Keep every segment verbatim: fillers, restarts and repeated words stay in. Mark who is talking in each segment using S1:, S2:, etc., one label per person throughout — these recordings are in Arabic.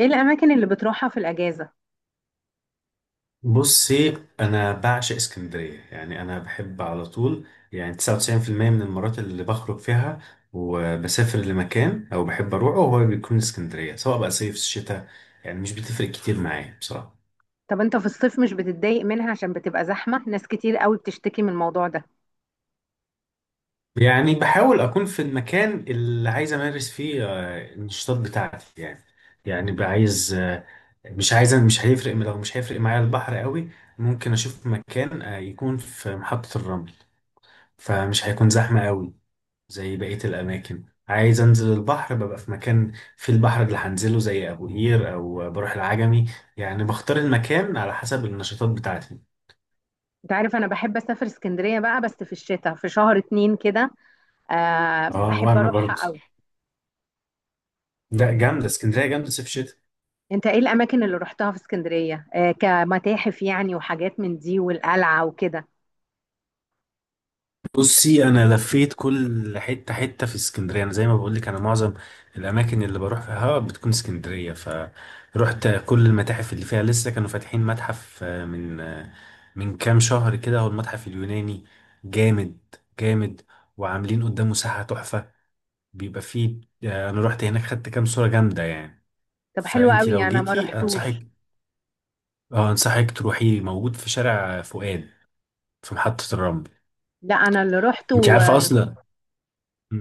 S1: ايه الاماكن اللي بتروحها في الاجازه؟
S2: بصي، انا بعشق اسكندريه. يعني انا بحب على طول. يعني تسعة وتسعين بالمية من المرات اللي بخرج فيها وبسافر لمكان او بحب اروحه هو بيكون اسكندريه، سواء بقى صيف شتاء. يعني مش بتفرق كتير معايا بصراحه.
S1: طب انت في الصيف مش بتتضايق منها؟ عشان بتبقى زحمه، ناس كتير قوي بتشتكي من الموضوع ده.
S2: يعني بحاول اكون في المكان اللي عايز امارس فيه آه، النشاطات بتاعتي يعني. يعني بقى عايز، آه، مش عايز، مش هيفرق. لو مش هيفرق معايا البحر قوي ممكن اشوف مكان آه، يكون في محطه الرمل، فمش هيكون زحمه قوي زي بقية الأماكن. عايز أنزل البحر، ببقى في مكان في البحر اللي هنزله زي أبو قير أو بروح العجمي. يعني بختار المكان على حسب النشاطات بتاعتي.
S1: انت عارف، انا بحب اسافر اسكندريه بقى بس في الشتاء، في شهر اتنين كده. آه،
S2: اه،
S1: بحب
S2: وأنا
S1: اروحها
S2: برضه.
S1: قوي.
S2: ده جامدة اسكندرية، جامدة صيف شتا.
S1: انت ايه الاماكن اللي روحتها في اسكندريه؟ آه، كمتاحف يعني وحاجات من دي والقلعه وكده؟
S2: بصي، انا لفيت كل حته حته في اسكندريه. انا زي ما بقول لك، انا معظم الاماكن اللي بروح فيها بتكون اسكندريه. فروحت كل المتاحف اللي فيها. لسه كانوا فاتحين متحف آه، من آه، من كام شهر كده، هو المتحف اليوناني. جامد جامد. وعاملين قدامه ساحه تحفه. بيبقى فيه آه، انا رحت هناك، خدت كام صوره جامده يعني.
S1: طب حلو
S2: فانتي
S1: قوي.
S2: لو
S1: انا ما
S2: جيتي
S1: روحتوش
S2: انصحك، اه انصحك تروحي. موجود في شارع فؤاد، في محطه الرمل.
S1: لا انا اللي
S2: انتي
S1: روحته
S2: عارفه
S1: آه،
S2: اصلا.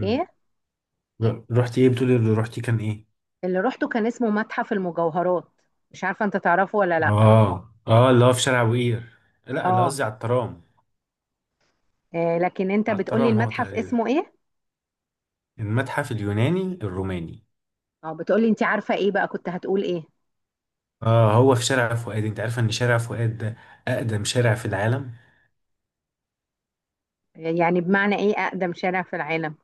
S1: ايه؟
S2: ر- رحتي ايه؟ بتقولي اللي رحتي كان ايه.
S1: اللي روحته كان اسمه متحف المجوهرات. مش عارفه انت تعرفه ولا لا؟
S2: اه اه، اللي هو في شارع بوقير. لا، اللي
S1: اه.
S2: قصدي على الترام.
S1: آه، لكن انت
S2: على
S1: بتقولي
S2: الترام. هو
S1: المتحف
S2: تقريبا
S1: اسمه ايه؟
S2: المتحف اليوناني الروماني.
S1: اه بتقولي، انت عارفة ايه بقى كنت هتقول ايه؟
S2: اه هو في شارع فؤاد. انت عارفه ان شارع فؤاد ده اقدم شارع في العالم؟
S1: يعني بمعنى ايه اقدم شارع في العالم؟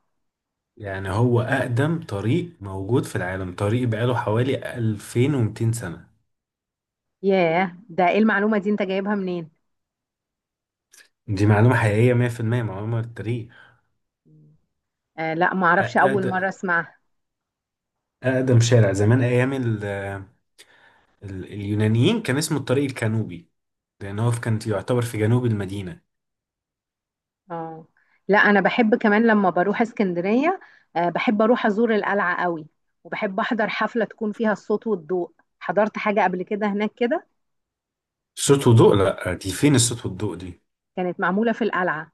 S2: يعني هو اقدم طريق موجود في العالم. طريق بقاله حوالي ألفين ومتين سنة.
S1: ياه، ده ايه المعلومة دي؟ انت جايبها منين؟
S2: دي معلومة حقيقية مية بالمية، معلومة للتاريخ.
S1: آه لا، ما اعرفش، اول
S2: أقدم,
S1: مرة اسمعها.
S2: أقدم شارع، زمان أيام ال ال اليونانيين، كان اسمه الطريق الكانوبي، لأن هو كان يعتبر في جنوب المدينة.
S1: اه، لا انا بحب كمان لما بروح اسكندرية. آه، بحب اروح ازور القلعة قوي. وبحب احضر حفلة تكون فيها الصوت والضوء. حضرت حاجة قبل كده هناك كده؟
S2: صوت وضوء؟ لا، دي فين الصوت والضوء دي؟
S1: كانت معمولة في القلعة.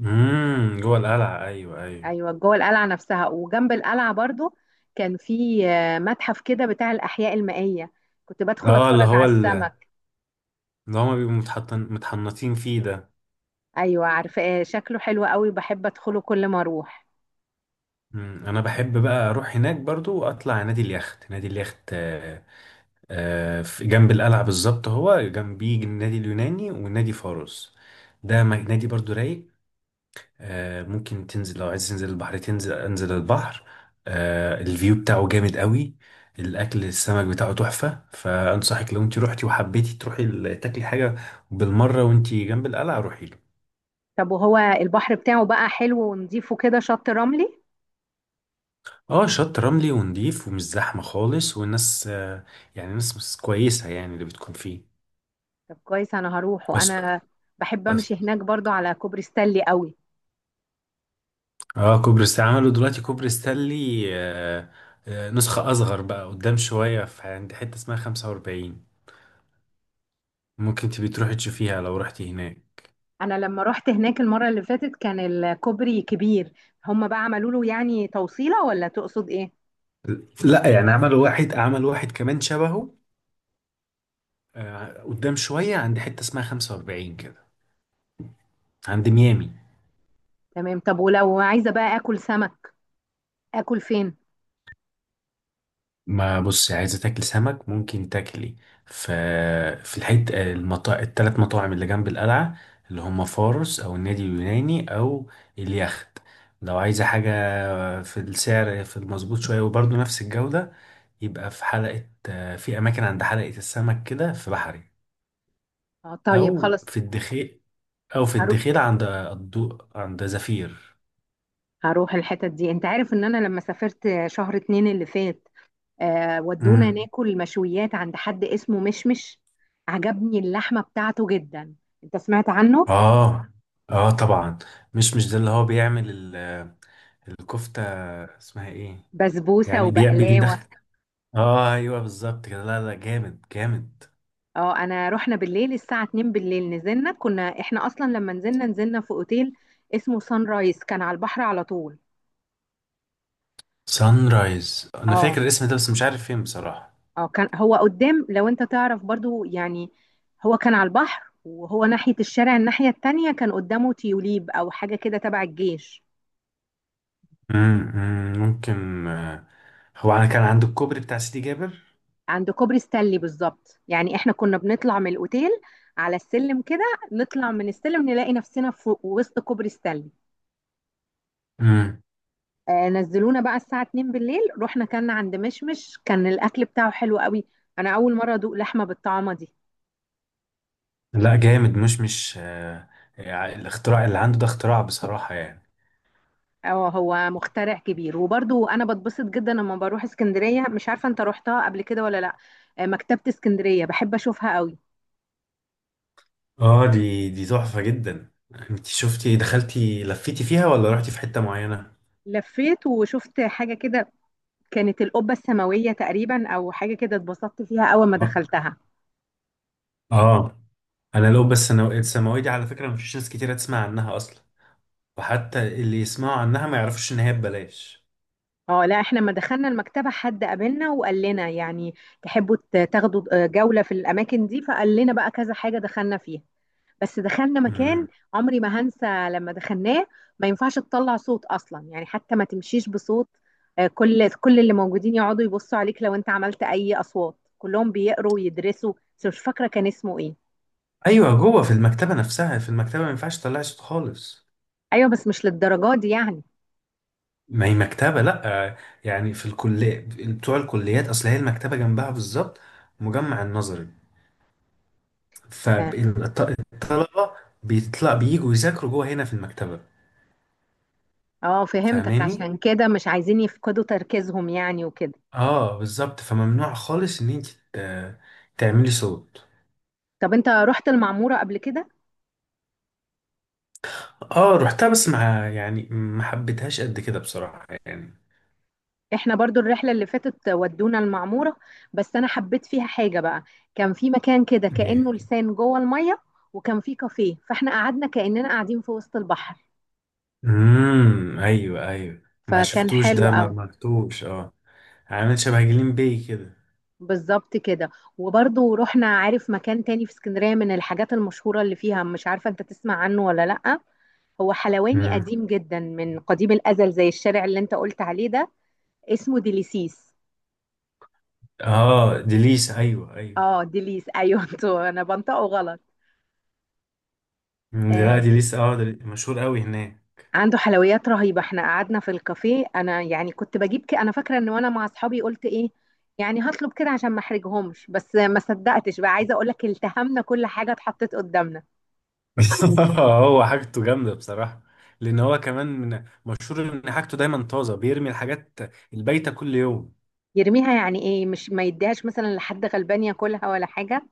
S2: امم جوه القلعة، ايوه ايوه.
S1: ايوه، جوه القلعة نفسها، وجنب القلعة برضو. كان في آه، متحف كده بتاع الاحياء المائية. كنت بدخل
S2: اه، اللي
S1: اتفرج على
S2: هو ال-
S1: السماء.
S2: اللي هما بيبقوا متحطن متحنطين فيه ده.
S1: ايوه عارفة، آه، شكله حلو قوي، بحب ادخله كل ما اروح.
S2: مم. انا بحب بقى اروح هناك برضو، واطلع نادي اليخت، نادي اليخت. آه آه في جنب القلعة بالظبط. هو جنبيه النادي اليوناني ونادي فاروس. ده م- نادي برضو رايق. آه، ممكن تنزل لو عايز تنزل البحر. تنزل انزل البحر. آه، الفيو بتاعه جامد قوي. الاكل السمك بتاعه تحفه. فانصحك لو انت روحتي وحبيتي تروحي ال- تاكلي حاجه بالمره وانت جنب القلعه، روحي له.
S1: طب وهو البحر بتاعه بقى حلو ونضيفه كده؟ شط رملي؟
S2: اه شط رملي ونضيف ومش زحمه خالص، والناس آه، يعني ناس ناس كويسه يعني اللي بتكون فيه.
S1: طب كويس، انا هروح.
S2: بس
S1: وانا بحب
S2: بس
S1: امشي هناك برضو على كوبري ستانلي قوي.
S2: اه، كوبري ستانلي عملوا دلوقتي كوبري ستانلي آه، آه، نسخه اصغر بقى قدام شويه، في عند حته اسمها خمسة وأربعين. ممكن تبي تروحي تشوفيها لو رحتي هناك.
S1: انا لما رحت هناك المرة اللي فاتت كان الكوبري كبير. هم بقى عملوا له يعني توصيلة، ولا تقصد ايه؟
S2: لا يعني عمل واحد، عمل واحد كمان شبهه آه، قدام شوية عند حتة اسمها خمسة وأربعين كده، عند
S1: مم.
S2: ميامي.
S1: تمام، طب ولو عايزة بقى اكل سمك، اكل فين؟
S2: ما بص، عايزة تاكل سمك ممكن تاكلي في، في الحتة المطا... التلات مطاعم اللي جنب القلعة، اللي هم فارس أو النادي اليوناني أو اليخت. لو عايزة حاجة في السعر في المظبوط شوية وبرضه نفس الجودة، يبقى في حلقة آه، في أماكن عند حلقة السمك كده في بحري،
S1: اه طيب
S2: أو
S1: خلاص.
S2: في الدخيق، او في
S1: هروح
S2: الدخيل عند الضوء عند زفير.
S1: هروح الحتت دي. انت عارف ان انا لما سافرت شهر اتنين اللي فات، آه ودونا
S2: امم،
S1: ناكل مشويات عند حد اسمه مشمش. عجبني اللحمة بتاعته جدا. انت سمعت عنه؟
S2: اه اه طبعا. مش مش ده اللي هو بيعمل ال- الكفتة، اسمها ايه؟
S1: بسبوسة
S2: يعني بي-
S1: وبقلاوة.
S2: بيدخل. اه ايوه بالظبط كده. لا لا، جامد جامد.
S1: اه، انا رحنا بالليل الساعة اتنين بالليل. نزلنا كنا احنا اصلا، لما نزلنا نزلنا في اوتيل اسمه سان رايز، كان على البحر على طول.
S2: سان رايز، انا
S1: اه،
S2: فاكر الاسم ده بس مش عارف فين بصراحة.
S1: اه، كان هو قدام لو انت تعرف برضو يعني. هو كان على البحر، وهو ناحية الشارع الناحية التانية كان قدامه تيوليب او حاجة كده تبع الجيش.
S2: امم أمم، ممكن آه، هو انا كان عند الكوبري بتاع سيدي جابر.
S1: عند كوبري ستانلي بالظبط يعني. احنا كنا بنطلع من الاوتيل على السلم كده، نطلع من السلم نلاقي نفسنا في وسط كوبري ستانلي.
S2: امم.
S1: آه نزلونا بقى الساعة اتنين بالليل. رحنا كنا عند مشمش، كان الأكل بتاعه حلو قوي. أنا أول مرة أدوق لحمة بالطعمة دي.
S2: لا، جامد. مش مش آه، يعني الاختراع اللي عنده ده اختراع بصراحة يعني.
S1: اه، هو مخترع كبير. وبرضو أنا بتبسط جدا لما بروح اسكندرية. مش عارفة أنت روحتها قبل كده ولا لأ؟ آه، مكتبة اسكندرية بحب أشوفها قوي.
S2: اه دي دي تحفة جدا. انت شفتي دخلتي لفيتي فيها، ولا رحتي في حتة معينة؟
S1: لفيت وشفت حاجة كده. كانت القبة السماوية تقريبا أو حاجة كده، اتبسطت فيها أول ما
S2: اه.
S1: دخلتها.
S2: آه. انا لو بس، انا الثانوية دي على فكرة مفيش ناس كتيرة تسمع عنها اصلا، وحتى اللي يسمعوا عنها ما يعرفوش ان هي ببلاش.
S1: اه، لا احنا لما دخلنا المكتبة حد قابلنا وقال لنا يعني: تحبوا ت- تاخدوا آه، جولة في الأماكن دي؟ فقال لنا بقى كذا حاجة، دخلنا فيها. بس دخلنا مكان
S2: مم.
S1: عمري ما هنسى لما دخلناه. ما ينفعش تطلع صوت أصلا يعني، حتى ما تمشيش بصوت. آه، كل كل اللي موجودين يقعدوا يبصوا عليك لو انت عملت أي أصوات. كلهم بيقروا ويدرسوا، بس مش فاكرة كان اسمه ايه.
S2: ايوه جوه في المكتبة نفسها. في المكتبة ما ينفعش تطلعي صوت خالص.
S1: ايوه بس مش للدرجة دي يعني.
S2: ما هي مكتبة، لا آه، يعني في الكلية، بتوع الكليات، اصل هي المكتبة جنبها بالظبط مجمع النظري.
S1: اه،
S2: فالطلبة بيطلع بييجوا يذاكروا جوه هنا في المكتبة.
S1: آه، فهمتك.
S2: فاهماني؟
S1: عشان كده مش عايزين يفقدوا تركيزهم يعني وكده.
S2: اه بالظبط. فممنوع خالص ان انت ت- تعملي صوت.
S1: طب انت رحت المعمورة قبل كده؟
S2: اه رحتها، بس مع يعني ما حبيتهاش قد كده بصراحة يعني.
S1: احنا برضو الرحلة اللي فاتت ودونا المعمورة. بس انا حبيت فيها حاجة بقى. كان في مكان كده
S2: ايه؟
S1: كأنه لسان جوه المية، وكان في كافيه، فاحنا قعدنا كأننا قاعدين في وسط البحر.
S2: امم، ايوه ايوه. ما
S1: فكان
S2: شفتوش
S1: حلو
S2: ده، ما
S1: قوي.
S2: عملتوش؟ اه، عامل شبه جليم بي كده.
S1: بالظبط كده. وبرضو رحنا. عارف مكان تاني في اسكندرية من الحاجات المشهورة اللي فيها؟ مش عارفة انت تسمع عنه ولا لأ. هو حلواني
S2: امم.
S1: قديم جدا من قديم الأزل، زي الشارع اللي انت قلت عليه ده. اسمه ديليسيس.
S2: اه ديليس، ايوه ايوه.
S1: اه، ديليس، ايوه انتوا، انا بنطقه غلط.
S2: مم، دي- لا
S1: آه،
S2: ديليس، اه ده مشهور قوي هناك.
S1: عنده حلويات رهيبة. احنا قعدنا في الكافيه انا يعني، كنت بجيب كده. انا فاكرة ان وانا مع اصحابي قلت: ايه يعني هطلب كده عشان ما احرجهمش؟ بس ما صدقتش، بقى عايزة اقول لك، التهمنا كل حاجة اتحطت قدامنا.
S2: هو حاجته جامده بصراحه. لان هو كمان من مشهور ان حاجته دايما طازه، بيرمي الحاجات البايته كل يوم.
S1: يرميها يعني ايه؟ مش ما يديهاش مثلا لحد غلبان ياكلها ولا حاجة؟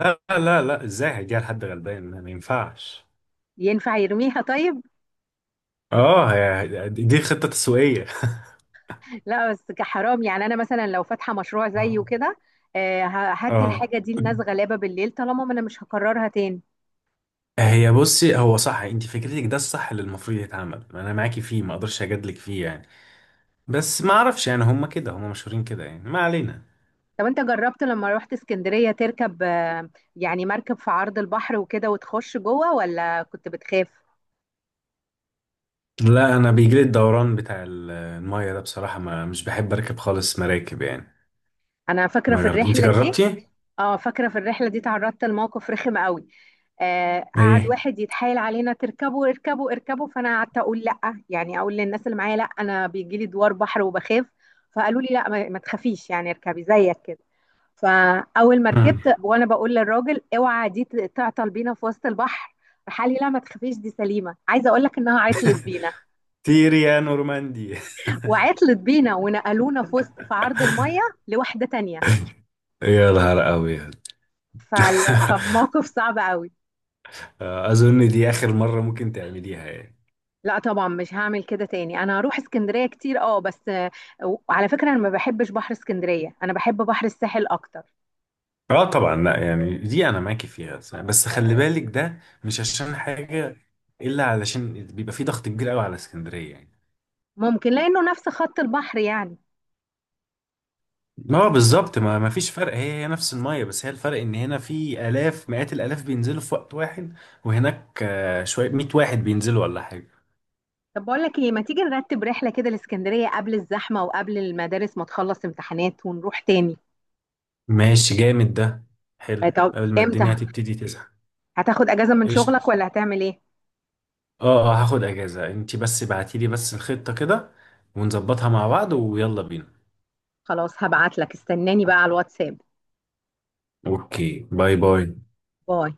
S2: لا لا لا، ازاي هيديها لحد غلبان؟ ما ينفعش.
S1: ينفع يرميها طيب؟
S2: اه هي دي دي خطة تسويقية.
S1: لا بس كحرام يعني. انا مثلا لو فاتحة مشروع زيه
S2: اه.
S1: كده، آه، ه- هدي
S2: اه
S1: الحاجة دي لناس غلابة بالليل، طالما ما انا مش هكررها تاني.
S2: هي، بصي هو صح، انت فكرتك ده الصح اللي المفروض يتعمل. انا معاكي فيه ما اقدرش اجادلك فيه يعني. بس ما اعرفش يعني، هم كده هم مشهورين كده يعني، ما علينا.
S1: طب انت جربت لما رحت اسكندرية تركب، آه، يعني مركب في عرض البحر وكده وتخش جوه، ولا كنت بتخاف؟
S2: لا انا بيجيلي الدوران بتاع ال- الميه ده بصراحة، ما مش بحب اركب خالص مراكب يعني.
S1: انا فاكرة
S2: ما
S1: في
S2: جربت، انت
S1: الرحلة دي.
S2: جربتي؟
S1: اه، فاكرة في الرحلة دي تعرضت لموقف رخم قوي. آه قعد
S2: ايه؟
S1: واحد يتحايل علينا: تركبوا، اركبوا، اركبوا. فانا قعدت اقول لا يعني، اقول للناس اللي معايا: لا انا بيجي لي دوار بحر وبخاف. فقالوا لي: لا، ما ما تخافيش يعني، اركبي زيك كده. فاول ما
S2: مم.
S1: ركبت وانا بقول للراجل: اوعى دي ت- تعطل بينا في وسط البحر. راح قال لي: لا ما تخافيش دي سليمه. عايزه اقول لك انها عطلت بينا،
S2: تيري يا نورماندي.
S1: وعطلت بينا، ونقلونا في وسط في عرض الميه لواحده تانية.
S2: يا نهار ابيض.
S1: فكان موقف صعب قوي.
S2: آه، اظن دي اخر مرة ممكن تعمليها يعني.
S1: لا طبعا مش هعمل كده تاني، انا هروح اسكندريه كتير، اه بس آه، وعلى فكره، انا ما بحبش بحر اسكندريه، انا بحب بحر الساحل اكتر.
S2: اه طبعا. لا يعني دي انا معاكي فيها صح. بس خلي بالك ده مش عشان حاجة، الا علشان بيبقى في ضغط كبير قوي على اسكندرية يعني.
S1: ممكن لانه نفس خط البحر يعني.
S2: ما هو بالظبط. ما ما فيش فرق. هي هي نفس المية. بس هي الفرق ان هنا في الاف مئات الالاف بينزلوا في وقت واحد، وهناك آه، شوية مية واحد بينزلوا ولا حاجة.
S1: طب بقول لك ايه، ما تيجي نرتب رحله كده الاسكندريه قبل الزحمه، وقبل المدارس ما تخلص امتحانات، ونروح تاني؟
S2: ماشي، جامد ده.
S1: آه،
S2: حلو
S1: طب
S2: قبل ما
S1: امتى؟
S2: الدنيا تبتدي تزحم.
S1: هتاخد اجازه من
S2: ايش؟
S1: شغلك ولا هتعمل ايه؟
S2: اه اه، هاخد اجازة، انتي بس بعتيلي بس الخطة كده ونظبطها مع بعض ويلا بينا.
S1: خلاص هبعت لك، استناني بقى على الواتساب.
S2: اوكي، باي باي.
S1: باي.